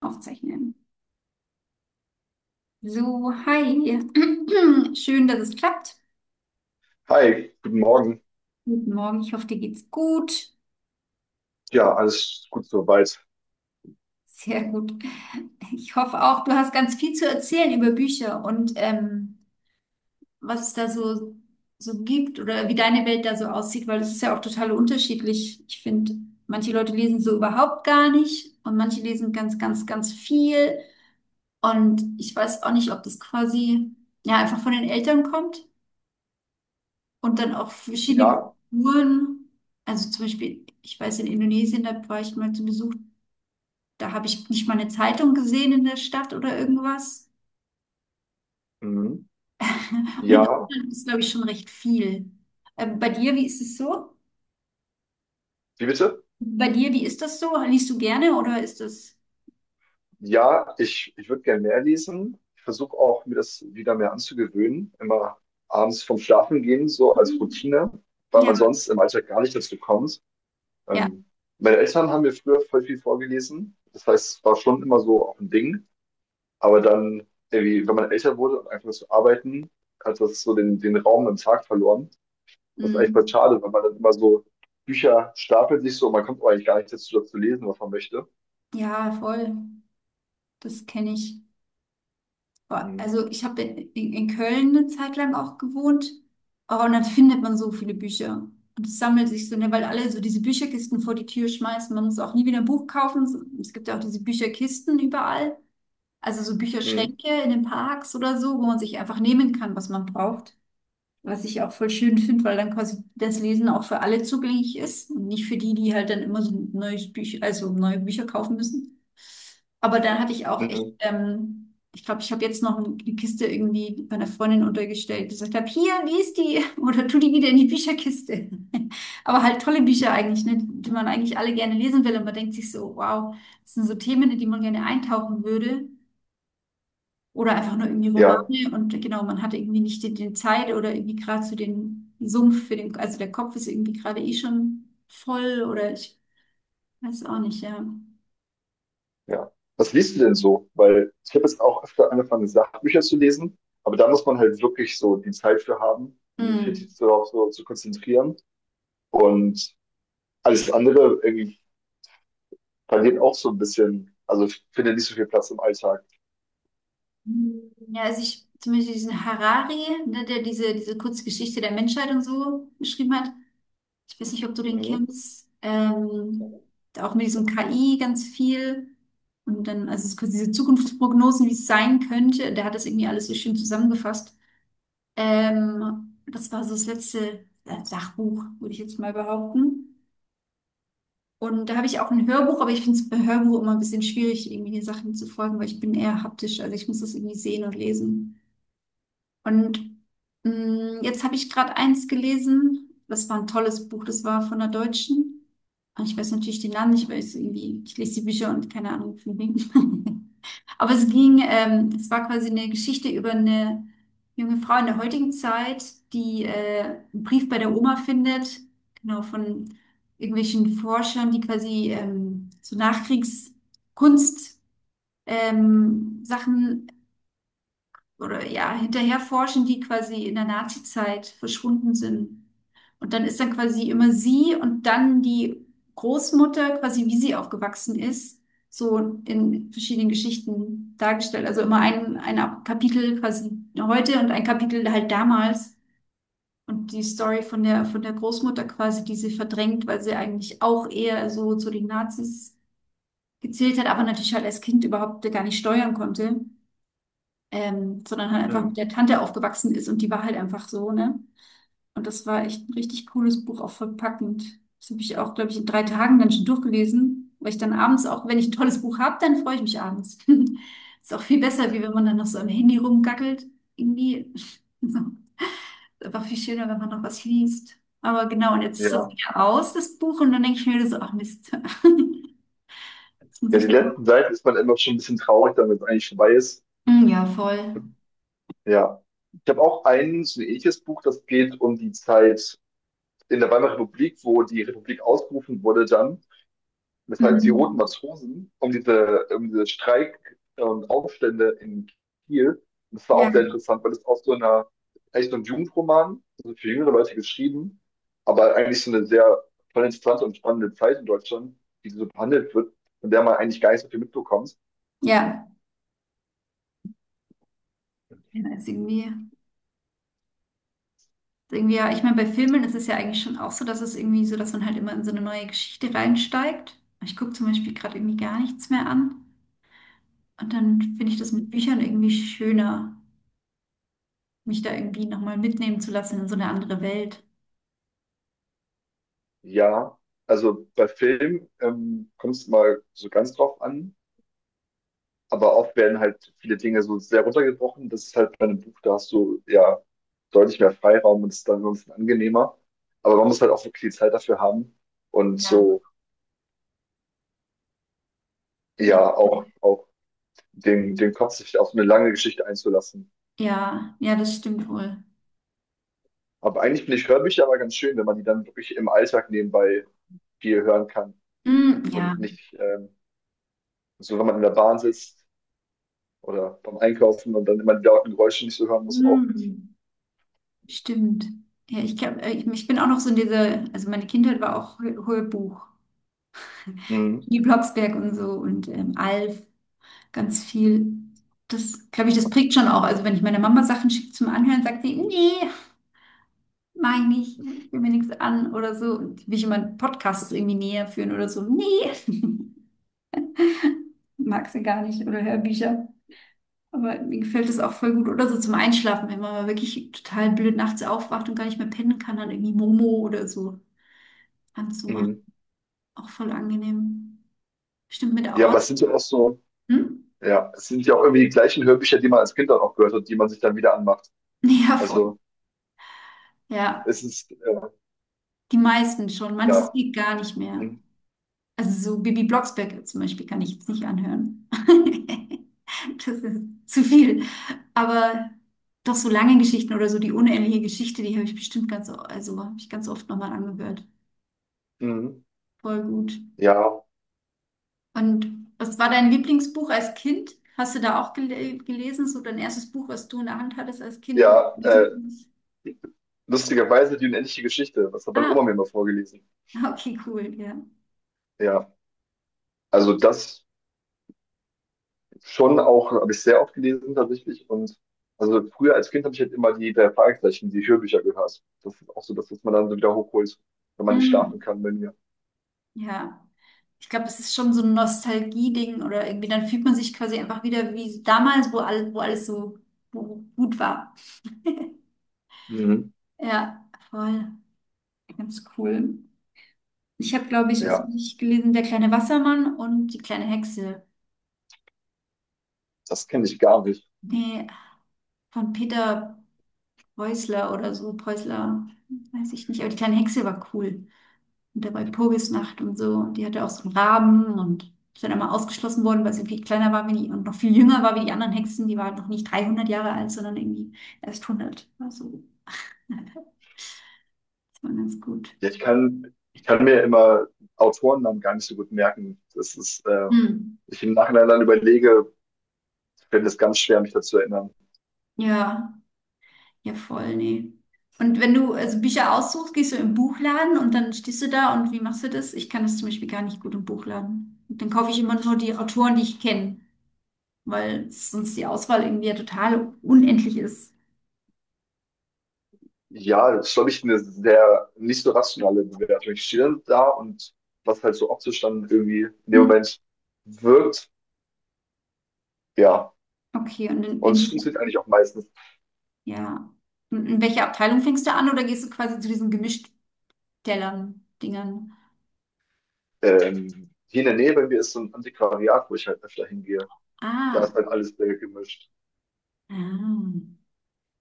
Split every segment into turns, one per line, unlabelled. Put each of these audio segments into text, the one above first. Aufzeichnen. So, hi. Schön, dass es klappt.
Hi, guten Morgen.
Guten Morgen. Ich hoffe, dir geht's gut.
Ja, alles gut soweit.
Sehr gut. Ich hoffe auch, du hast ganz viel zu erzählen über Bücher und was es da so gibt oder wie deine Welt da so aussieht, weil es ist ja auch total unterschiedlich. Ich finde, manche Leute lesen so überhaupt gar nicht und manche lesen ganz, ganz, ganz viel. Und ich weiß auch nicht, ob das quasi ja einfach von den Eltern kommt. Und dann auch verschiedene
Ja,
Kulturen. Also zum Beispiel, ich weiß, in Indonesien, da war ich mal zu Besuch, da habe ich nicht mal eine Zeitung gesehen in der Stadt oder irgendwas.
mhm.
Und in
Ja,
Deutschland ist, glaube ich, schon recht viel. Bei dir, wie ist es so?
wie bitte?
Bei dir, wie ist das so? Liest du gerne oder ist das?
Ja, ich würde gerne mehr lesen. Ich versuche auch, mir das wieder mehr anzugewöhnen. Immer abends vom Schlafen gehen, so als
Mm,
Routine, weil
ja,
man sonst im Alltag gar nicht dazu kommt.
ja,
Ähm, Meine Eltern haben mir früher voll viel vorgelesen. Das heißt, es war schon immer so auch ein Ding. Aber dann, irgendwie, wenn man älter wurde und einfach zu arbeiten, hat das so den Raum im Tag verloren. Das ist eigentlich voll
mm,
schade, weil man dann immer so Bücher stapelt sich so und man kommt eigentlich gar nicht dazu, das zu lesen, was man möchte.
ja, voll. Das kenne ich. Boah,
Mhm.
also ich habe in Köln eine Zeit lang auch gewohnt. Oh, und dann findet man so viele Bücher. Und es sammelt sich so, ne, weil alle so diese Bücherkisten vor die Tür schmeißen. Man muss auch nie wieder ein Buch kaufen. Es gibt ja auch diese Bücherkisten überall. Also so
Mhm.
Bücherschränke in den Parks oder so, wo man sich einfach nehmen kann, was man braucht. Was ich auch voll schön finde, weil dann quasi das Lesen auch für alle zugänglich ist und nicht für die, die halt dann immer so ein neues Büch, also neue Bücher kaufen müssen. Aber dann hatte ich auch echt,
Mhm.
ich glaube, ich habe jetzt noch eine Kiste irgendwie bei einer Freundin untergestellt, die gesagt habe, hier, lies die oder tu die wieder in die Bücherkiste. Aber halt tolle Bücher eigentlich, ne, die man eigentlich alle gerne lesen will und man denkt sich so, wow, das sind so Themen, in die man gerne eintauchen würde. Oder einfach nur irgendwie
Ja,
Romane und genau, man hatte irgendwie nicht die Zeit oder irgendwie gerade so den Sumpf für den, also der Kopf ist irgendwie gerade eh schon voll oder ich weiß auch nicht, ja.
ja. Was liest du denn so? Weil ich habe jetzt auch öfter angefangen, Sachbücher zu lesen, aber da muss man halt wirklich so die Zeit für haben, um sich
Hm.
richtig darauf so zu konzentrieren. Und alles andere irgendwie verliert auch so ein bisschen, also ich finde nicht so viel Platz im Alltag.
Ja, also ich zum Beispiel diesen Harari, ne, der diese kurze Geschichte der Menschheit und so geschrieben hat. Ich weiß nicht, ob du den
Mhm.
kennst. Auch mit diesem KI ganz viel. Und dann, also es ist quasi diese Zukunftsprognosen, wie es sein könnte. Der hat das irgendwie alles so schön zusammengefasst. Das war so das letzte Sachbuch, würde ich jetzt mal behaupten. Und da habe ich auch ein Hörbuch, aber ich finde es bei Hörbuch immer ein bisschen schwierig, irgendwie den Sachen zu folgen, weil ich bin eher haptisch, also ich muss das irgendwie sehen und lesen. Und jetzt habe ich gerade eins gelesen, das war ein tolles Buch, das war von einer Deutschen. Und ich weiß natürlich den Namen nicht, weil ich so irgendwie, ich lese die Bücher und keine Ahnung von denen. Aber es ging, es war quasi eine Geschichte über eine junge Frau in der heutigen Zeit, die einen Brief bei der Oma findet, genau, von irgendwelchen Forschern, die quasi so Nachkriegskunst Sachen oder ja, hinterher forschen, die quasi in der Nazizeit verschwunden sind. Und dann ist dann quasi immer sie und dann die Großmutter, quasi wie sie aufgewachsen ist, so in verschiedenen Geschichten dargestellt. Also immer ein Kapitel quasi heute und ein Kapitel halt damals. Und die Story von der Großmutter quasi, die sie verdrängt, weil sie eigentlich auch eher so zu den Nazis gezählt hat, aber natürlich halt als Kind überhaupt gar nicht steuern konnte, sondern halt einfach mit
Mhm.
der Tante aufgewachsen ist und die war halt einfach so, ne? Und das war echt ein richtig cooles Buch, auch voll packend. Das habe ich auch, glaube ich, in drei
Mhm.
Tagen dann schon durchgelesen, weil ich dann abends auch, wenn ich ein tolles Buch habe, dann freue ich mich abends. Ist auch viel besser, wie wenn man dann noch so am Handy rumgackelt. Irgendwie so. Ist einfach viel schöner, wenn man noch was liest. Aber genau, und jetzt ist das
Ja.
wieder aus, das Buch, und dann denke ich mir wieder so, ach Mist. Jetzt muss
Ja, die
ich noch.
letzten Seiten ist man immer schon ein bisschen traurig, damit es eigentlich vorbei ist.
Mm, ja, voll.
Ja. Ich habe auch ein so ein ähnliches Buch, das geht um die Zeit in der Weimarer Republik, wo die Republik ausgerufen wurde dann. Das heißt, die Roten
Mhm.
Matrosen, um diese Streik und Aufstände in Kiel. Und das war
Ja,
auch sehr interessant, weil es aus so einer, eigentlich so ein Jugendroman, also für jüngere Leute geschrieben, aber eigentlich so eine sehr voll interessante und spannende Zeit in Deutschland, die so behandelt wird, von der man eigentlich gar nicht so viel mitbekommt.
ja. Ja, ist irgendwie. Irgendwie, ja, ich meine, bei Filmen ist es ja eigentlich schon auch so, dass es irgendwie so, dass man halt immer in so eine neue Geschichte reinsteigt. Ich gucke zum Beispiel gerade irgendwie gar nichts mehr an. Und dann finde ich das mit
Mhm.
Büchern irgendwie schöner, mich da irgendwie nochmal mitnehmen zu lassen in so eine andere Welt.
Ja, also bei Film kommt es mal so ganz drauf an, aber oft werden halt viele Dinge so sehr runtergebrochen. Das ist halt bei einem Buch, da hast du ja deutlich mehr Freiraum und ist dann sonst angenehmer. Aber man muss halt auch wirklich die Zeit dafür haben und
Ja,
so,
ja,
ja, auch den Kopf sich auf eine lange Geschichte einzulassen.
ja, ja, das stimmt wohl.
Aber eigentlich finde ich Hörbücher aber ganz schön, wenn man die dann wirklich im Alltag nebenbei viel hören kann
Mm, ja,
und nicht so, wenn man in der Bahn sitzt oder beim Einkaufen und dann immer die lauten Geräusche nicht so hören muss auch.
mm, stimmt. Ja, ich, glaub, ich bin auch noch so in dieser, also meine Kindheit war auch Hörbuch.
Mhm.
Die Blocksberg und so und Alf, ganz viel. Das, glaube ich, das prägt schon auch. Also wenn ich meiner Mama Sachen schicke zum Anhören, sagt sie, nee, meine ich, ich will mir nichts an oder so. Und will ich immer Podcasts irgendwie näher führen oder so. Nee, mag sie gar nicht oder Hörbücher. Aber mir gefällt das auch voll gut. Oder so zum Einschlafen, wenn man mal wirklich total blöd nachts aufwacht und gar nicht mehr pennen kann, dann irgendwie Momo oder so anzumachen.
Mhm.
Auch voll angenehm. Stimmt mit der
Ja, aber
Ort.
es sind ja auch so,
Hm?
ja, es sind ja auch irgendwie die gleichen Hörbücher, die man als Kind dann auch gehört hat, die man sich dann wieder anmacht.
Ja, voll.
Also
Ja,
es ist,
die meisten schon. Manches
ja.
geht gar nicht mehr.
Mhm.
Also so Bibi Blocksberg zum Beispiel kann ich jetzt nicht anhören. Das ist zu viel. Aber doch so lange Geschichten oder so die unendliche Geschichte, die habe ich bestimmt ganz, also habe ich ganz oft nochmal angehört.
Mhm.
Voll gut.
Ja,
Und was war dein Lieblingsbuch als Kind? Hast du da auch gelesen? So dein erstes Buch, was du in der Hand hattest als Kind, wo du
ja,
gelesen hast?
lustigerweise die unendliche Geschichte. Das hat meine
Ah,
Oma mir immer vorgelesen.
okay, cool, ja.
Ja, also das schon auch, habe ich sehr oft gelesen tatsächlich. Und also früher als Kind habe ich halt immer die drei Fragezeichen, die Hörbücher gehört. Das ist auch so das, was man dann so wieder hochholt, wenn man nicht schlafen
Mm,
kann, wenn.
ja. Ich glaube, es ist schon so ein Nostalgie-Ding oder irgendwie, dann fühlt man sich quasi einfach wieder wie so damals, wo alles so wo gut war.
Mhm.
Ja, voll. Ganz cool. Ich habe, glaube ich, was hab
Ja,
ich gelesen, der kleine Wassermann und die kleine Hexe.
das kenne ich gar nicht.
Nee, von Peter Preußler oder so, Preußler, weiß ich nicht, aber die kleine Hexe war cool. Und da war Walpurgisnacht und so. Und die hatte auch so einen Raben und ist dann immer ausgeschlossen worden, weil sie viel kleiner war wie die und noch viel jünger war wie die anderen Hexen. Die war halt noch nicht 300 Jahre alt, sondern irgendwie erst 100. Also, das war ganz gut.
Ja, ich kann mir immer Autorennamen gar nicht so gut merken. Das ist,
Hm.
ich im Nachhinein dann überlege, fällt es ganz schwer, mich dazu erinnern.
Ja, ja, voll, nee. Und wenn du also Bücher aussuchst, gehst du im Buchladen und dann stehst du da und wie machst du das? Ich kann das zum Beispiel gar nicht gut im Buchladen. Und dann kaufe ich immer nur die Autoren, die ich kenne, weil sonst die Auswahl irgendwie ja total unendlich ist.
Ja, das ist, glaube ich, eine sehr nicht so rationale Bewertung. Ich stehe dann da und was halt so optisch dann irgendwie in dem
Hm.
Moment wirkt, ja.
Okay, und in,
Und
in
es
welcher
funktioniert eigentlich auch meistens.
Ja. Und in welcher Abteilung fängst du an oder gehst du quasi zu diesen Gemischtellern-Dingern?
Hier in der Nähe bei mir ist so ein Antiquariat, wo ich halt öfter hingehe. Da
Ah,
ist halt alles sehr gemischt.
ah,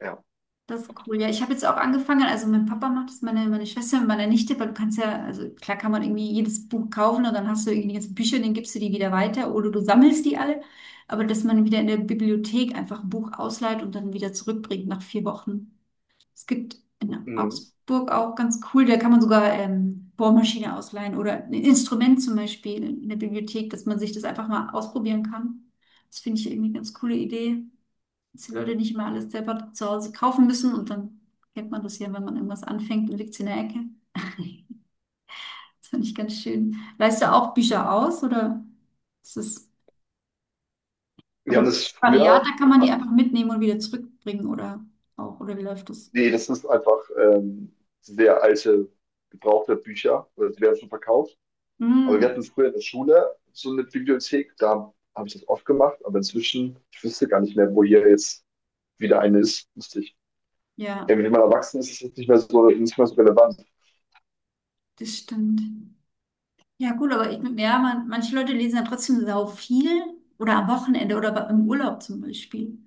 Ja.
das ist cool. Ja, ich habe jetzt auch angefangen, also mein Papa macht das, meine Schwester und meine Nichte, weil du kannst ja, also klar kann man irgendwie jedes Buch kaufen und dann hast du irgendwie die ganzen Bücher, dann gibst du die wieder weiter oder du sammelst die alle. Aber dass man wieder in der Bibliothek einfach ein Buch ausleiht und dann wieder zurückbringt nach 4 Wochen. Es gibt in
Mhm.
Augsburg auch ganz cool, da kann man sogar Bohrmaschine ausleihen oder ein Instrument zum Beispiel in der Bibliothek, dass man sich das einfach mal ausprobieren kann. Das finde ich irgendwie eine ganz coole Idee, dass die Leute nicht immer alles selber zu Hause kaufen müssen und dann kennt man das ja, wenn man irgendwas anfängt und liegt es in der Ecke. Das finde ich ganz schön. Leihst du auch Bücher aus oder ist das,
Wir haben
oder
das
Variat,
früher.
da kann man die einfach mitnehmen und wieder zurückbringen oder auch, oder wie läuft das?
Nee, das ist einfach sehr alte, gebrauchte Bücher. Oder die werden schon verkauft. Aber
Hm,
wir hatten früher in der Schule so eine Bibliothek, da habe ich das oft gemacht, aber inzwischen, ich wüsste gar nicht mehr, wo hier jetzt wieder eine ist. Müsste ich.
ja,
Wenn man erwachsen ist, ist es nicht mehr so relevant.
das stimmt. Ja, gut, aber ich, ja, manche Leute lesen ja trotzdem sau viel oder am Wochenende oder im Urlaub zum Beispiel.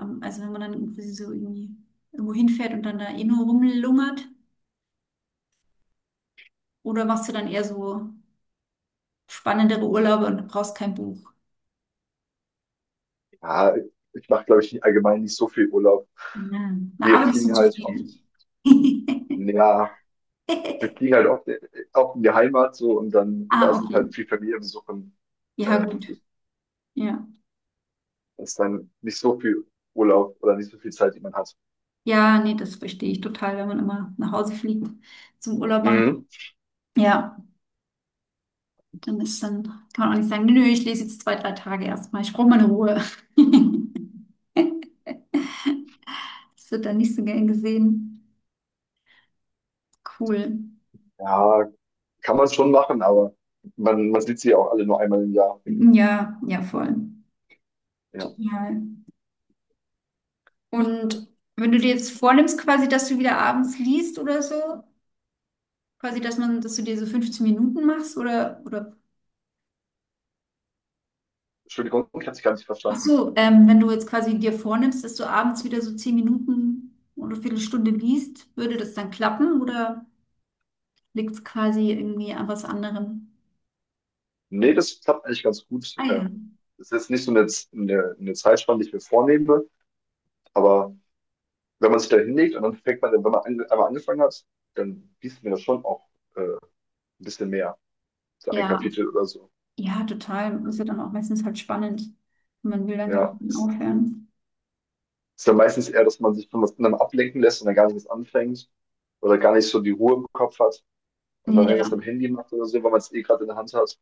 Also wenn man dann irgendwie so irgendwie irgendwo hinfährt und dann da eh nur rumlungert. Oder machst du dann eher so spannendere Urlaube und brauchst kein Buch?
Ja, ich mache, glaube ich, allgemein nicht so viel Urlaub.
Ja. Na,
Wir
arbeitest du
fliegen
zu
halt oft,
viel?
ja, wir fliegen halt oft in die Heimat so und dann, da
Ah,
ist es
okay.
halt viel Familienbesuch und
Ja,
äh,
gut. Ja.
das ist dann nicht so viel Urlaub oder nicht so viel Zeit, die man hat.
Ja, nee, das verstehe ich total, wenn man immer nach Hause fliegt zum Urlaub machen.
Mhm.
Ja. Dann ist dann, kann man auch nicht sagen, nö, ich lese jetzt zwei, drei Tage erstmal. Ich brauche meine Ruhe. Das wird dann nicht so gern gesehen. Cool.
Ja, kann man schon machen, aber man sieht sie ja auch alle nur einmal im Jahr.
Ja, ja, voll.
Ja.
Total. Und wenn du dir jetzt vornimmst, quasi, dass du wieder abends liest oder so, quasi, dass man, dass du dir so 15 Minuten machst
Entschuldigung, ich habe dich gar nicht
ach
verstanden.
so, wenn du jetzt quasi dir vornimmst, dass du abends wieder so 10 Minuten oder Viertelstunde liest, würde das dann klappen oder liegt es quasi irgendwie an was anderem?
Nee, das klappt eigentlich ganz gut.
Ah ja,
Das ist nicht so eine Zeitspanne, die ich mir vornehme, aber wenn man sich da hinlegt und dann fängt man, wenn man einmal angefangen hat, dann gießt mir das schon auch äh, ein bisschen mehr. So ein
ja,
Kapitel oder so.
ja, total. Ist ja
Also,
dann auch meistens halt spannend. Man will dann gar
ja,
nicht mehr aufhören.
ist dann meistens eher, dass man sich von was anderem ablenken lässt und dann gar nichts anfängt oder gar nicht so die Ruhe im Kopf hat und dann irgendwas
Ja,
am Handy macht oder so, weil man es eh gerade in der Hand hat.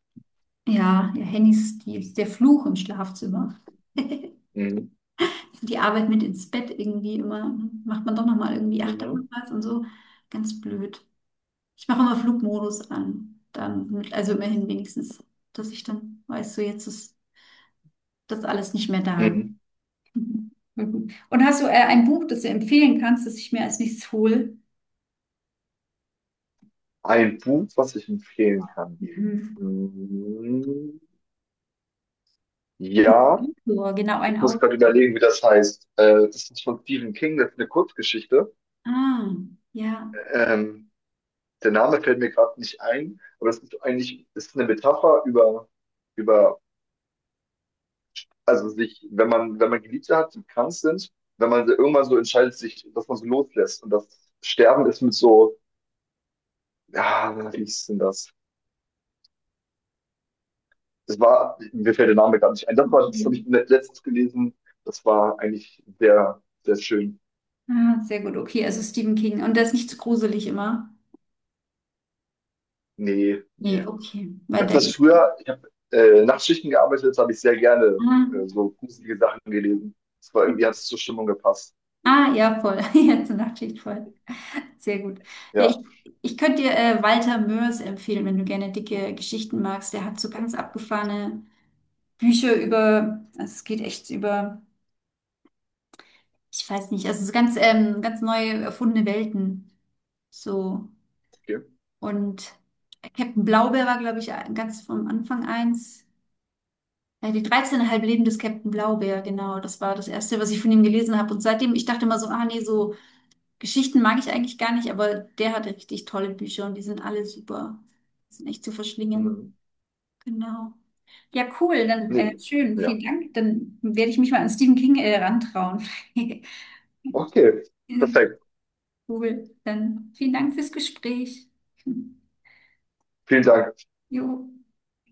ja, ja, Handys, die ist der Fluch im Schlafzimmer.
Mhm.
Die Arbeit mit ins Bett irgendwie immer, macht man doch nochmal irgendwie 8 Tage
Mhm.
was und so. Ganz blöd. Ich mache immer Flugmodus an. Dann, also immerhin wenigstens, dass ich dann weiß, so jetzt ist das alles nicht mehr da.
Mhm.
Mhm. Mhm. Und hast du ein Buch, das du empfehlen kannst, das ich mir als nächstes hole?
Ein Buch, was ich empfehlen kann.
Mhm.
Mhm.
Oder
Ja,
ein Autor, genau,
ich
ein
muss
Autor.
gerade überlegen, wie das heißt. Das ist von Stephen King, das ist eine Kurzgeschichte.
Ah, ja,
Ähm, der Name fällt mir gerade nicht ein, aber das ist eine Metapher über, über also sich, wenn man Geliebte hat, die krank sind, wenn man irgendwann so entscheidet, sich, dass man so loslässt und das Sterben ist mit so, ja, wie ist denn das? Das war, mir fällt der Name gar nicht ein. Das war, das
okay.
habe ich letztens gelesen. Das war eigentlich sehr, sehr schön.
Ah, sehr gut, okay. Also Stephen King. Und der ist nicht zu gruselig immer?
Nee, nee. Ich
Nee, okay. Weil
habe
der.
das früher, ich habe Nachtschichten gearbeitet, das habe ich sehr gerne
Ah,
so gruselige Sachen gelesen. Das war irgendwie, hat es zur Stimmung gepasst.
ah ja, voll. Jetzt eine Nachtschicht voll. Sehr gut. Ja,
Ja,
ich könnte dir Walter Mörs empfehlen, wenn du gerne dicke Geschichten magst. Der hat so ganz abgefahrene Bücher über, also es geht echt über, ich weiß nicht, also so ganz, ganz neu erfundene Welten. So.
okay.
Und Captain Blaubeer war, glaube ich, ganz vom Anfang eins. Ja, die 13,5 Leben des Captain Blaubeer, genau. Das war das Erste, was ich von ihm gelesen habe. Und seitdem, ich dachte immer so, ah nee, so Geschichten mag ich eigentlich gar nicht, aber der hatte richtig tolle Bücher und die sind alle super. Die sind echt zu verschlingen.
Mhm.
Genau. Ja, cool. Dann
Nee,
schön,
ja.
vielen Dank. Dann werde ich mich mal an Stephen King rantrauen.
Okay, perfekt.
Cool. Dann vielen Dank fürs Gespräch.
Vielen Dank.
Jo.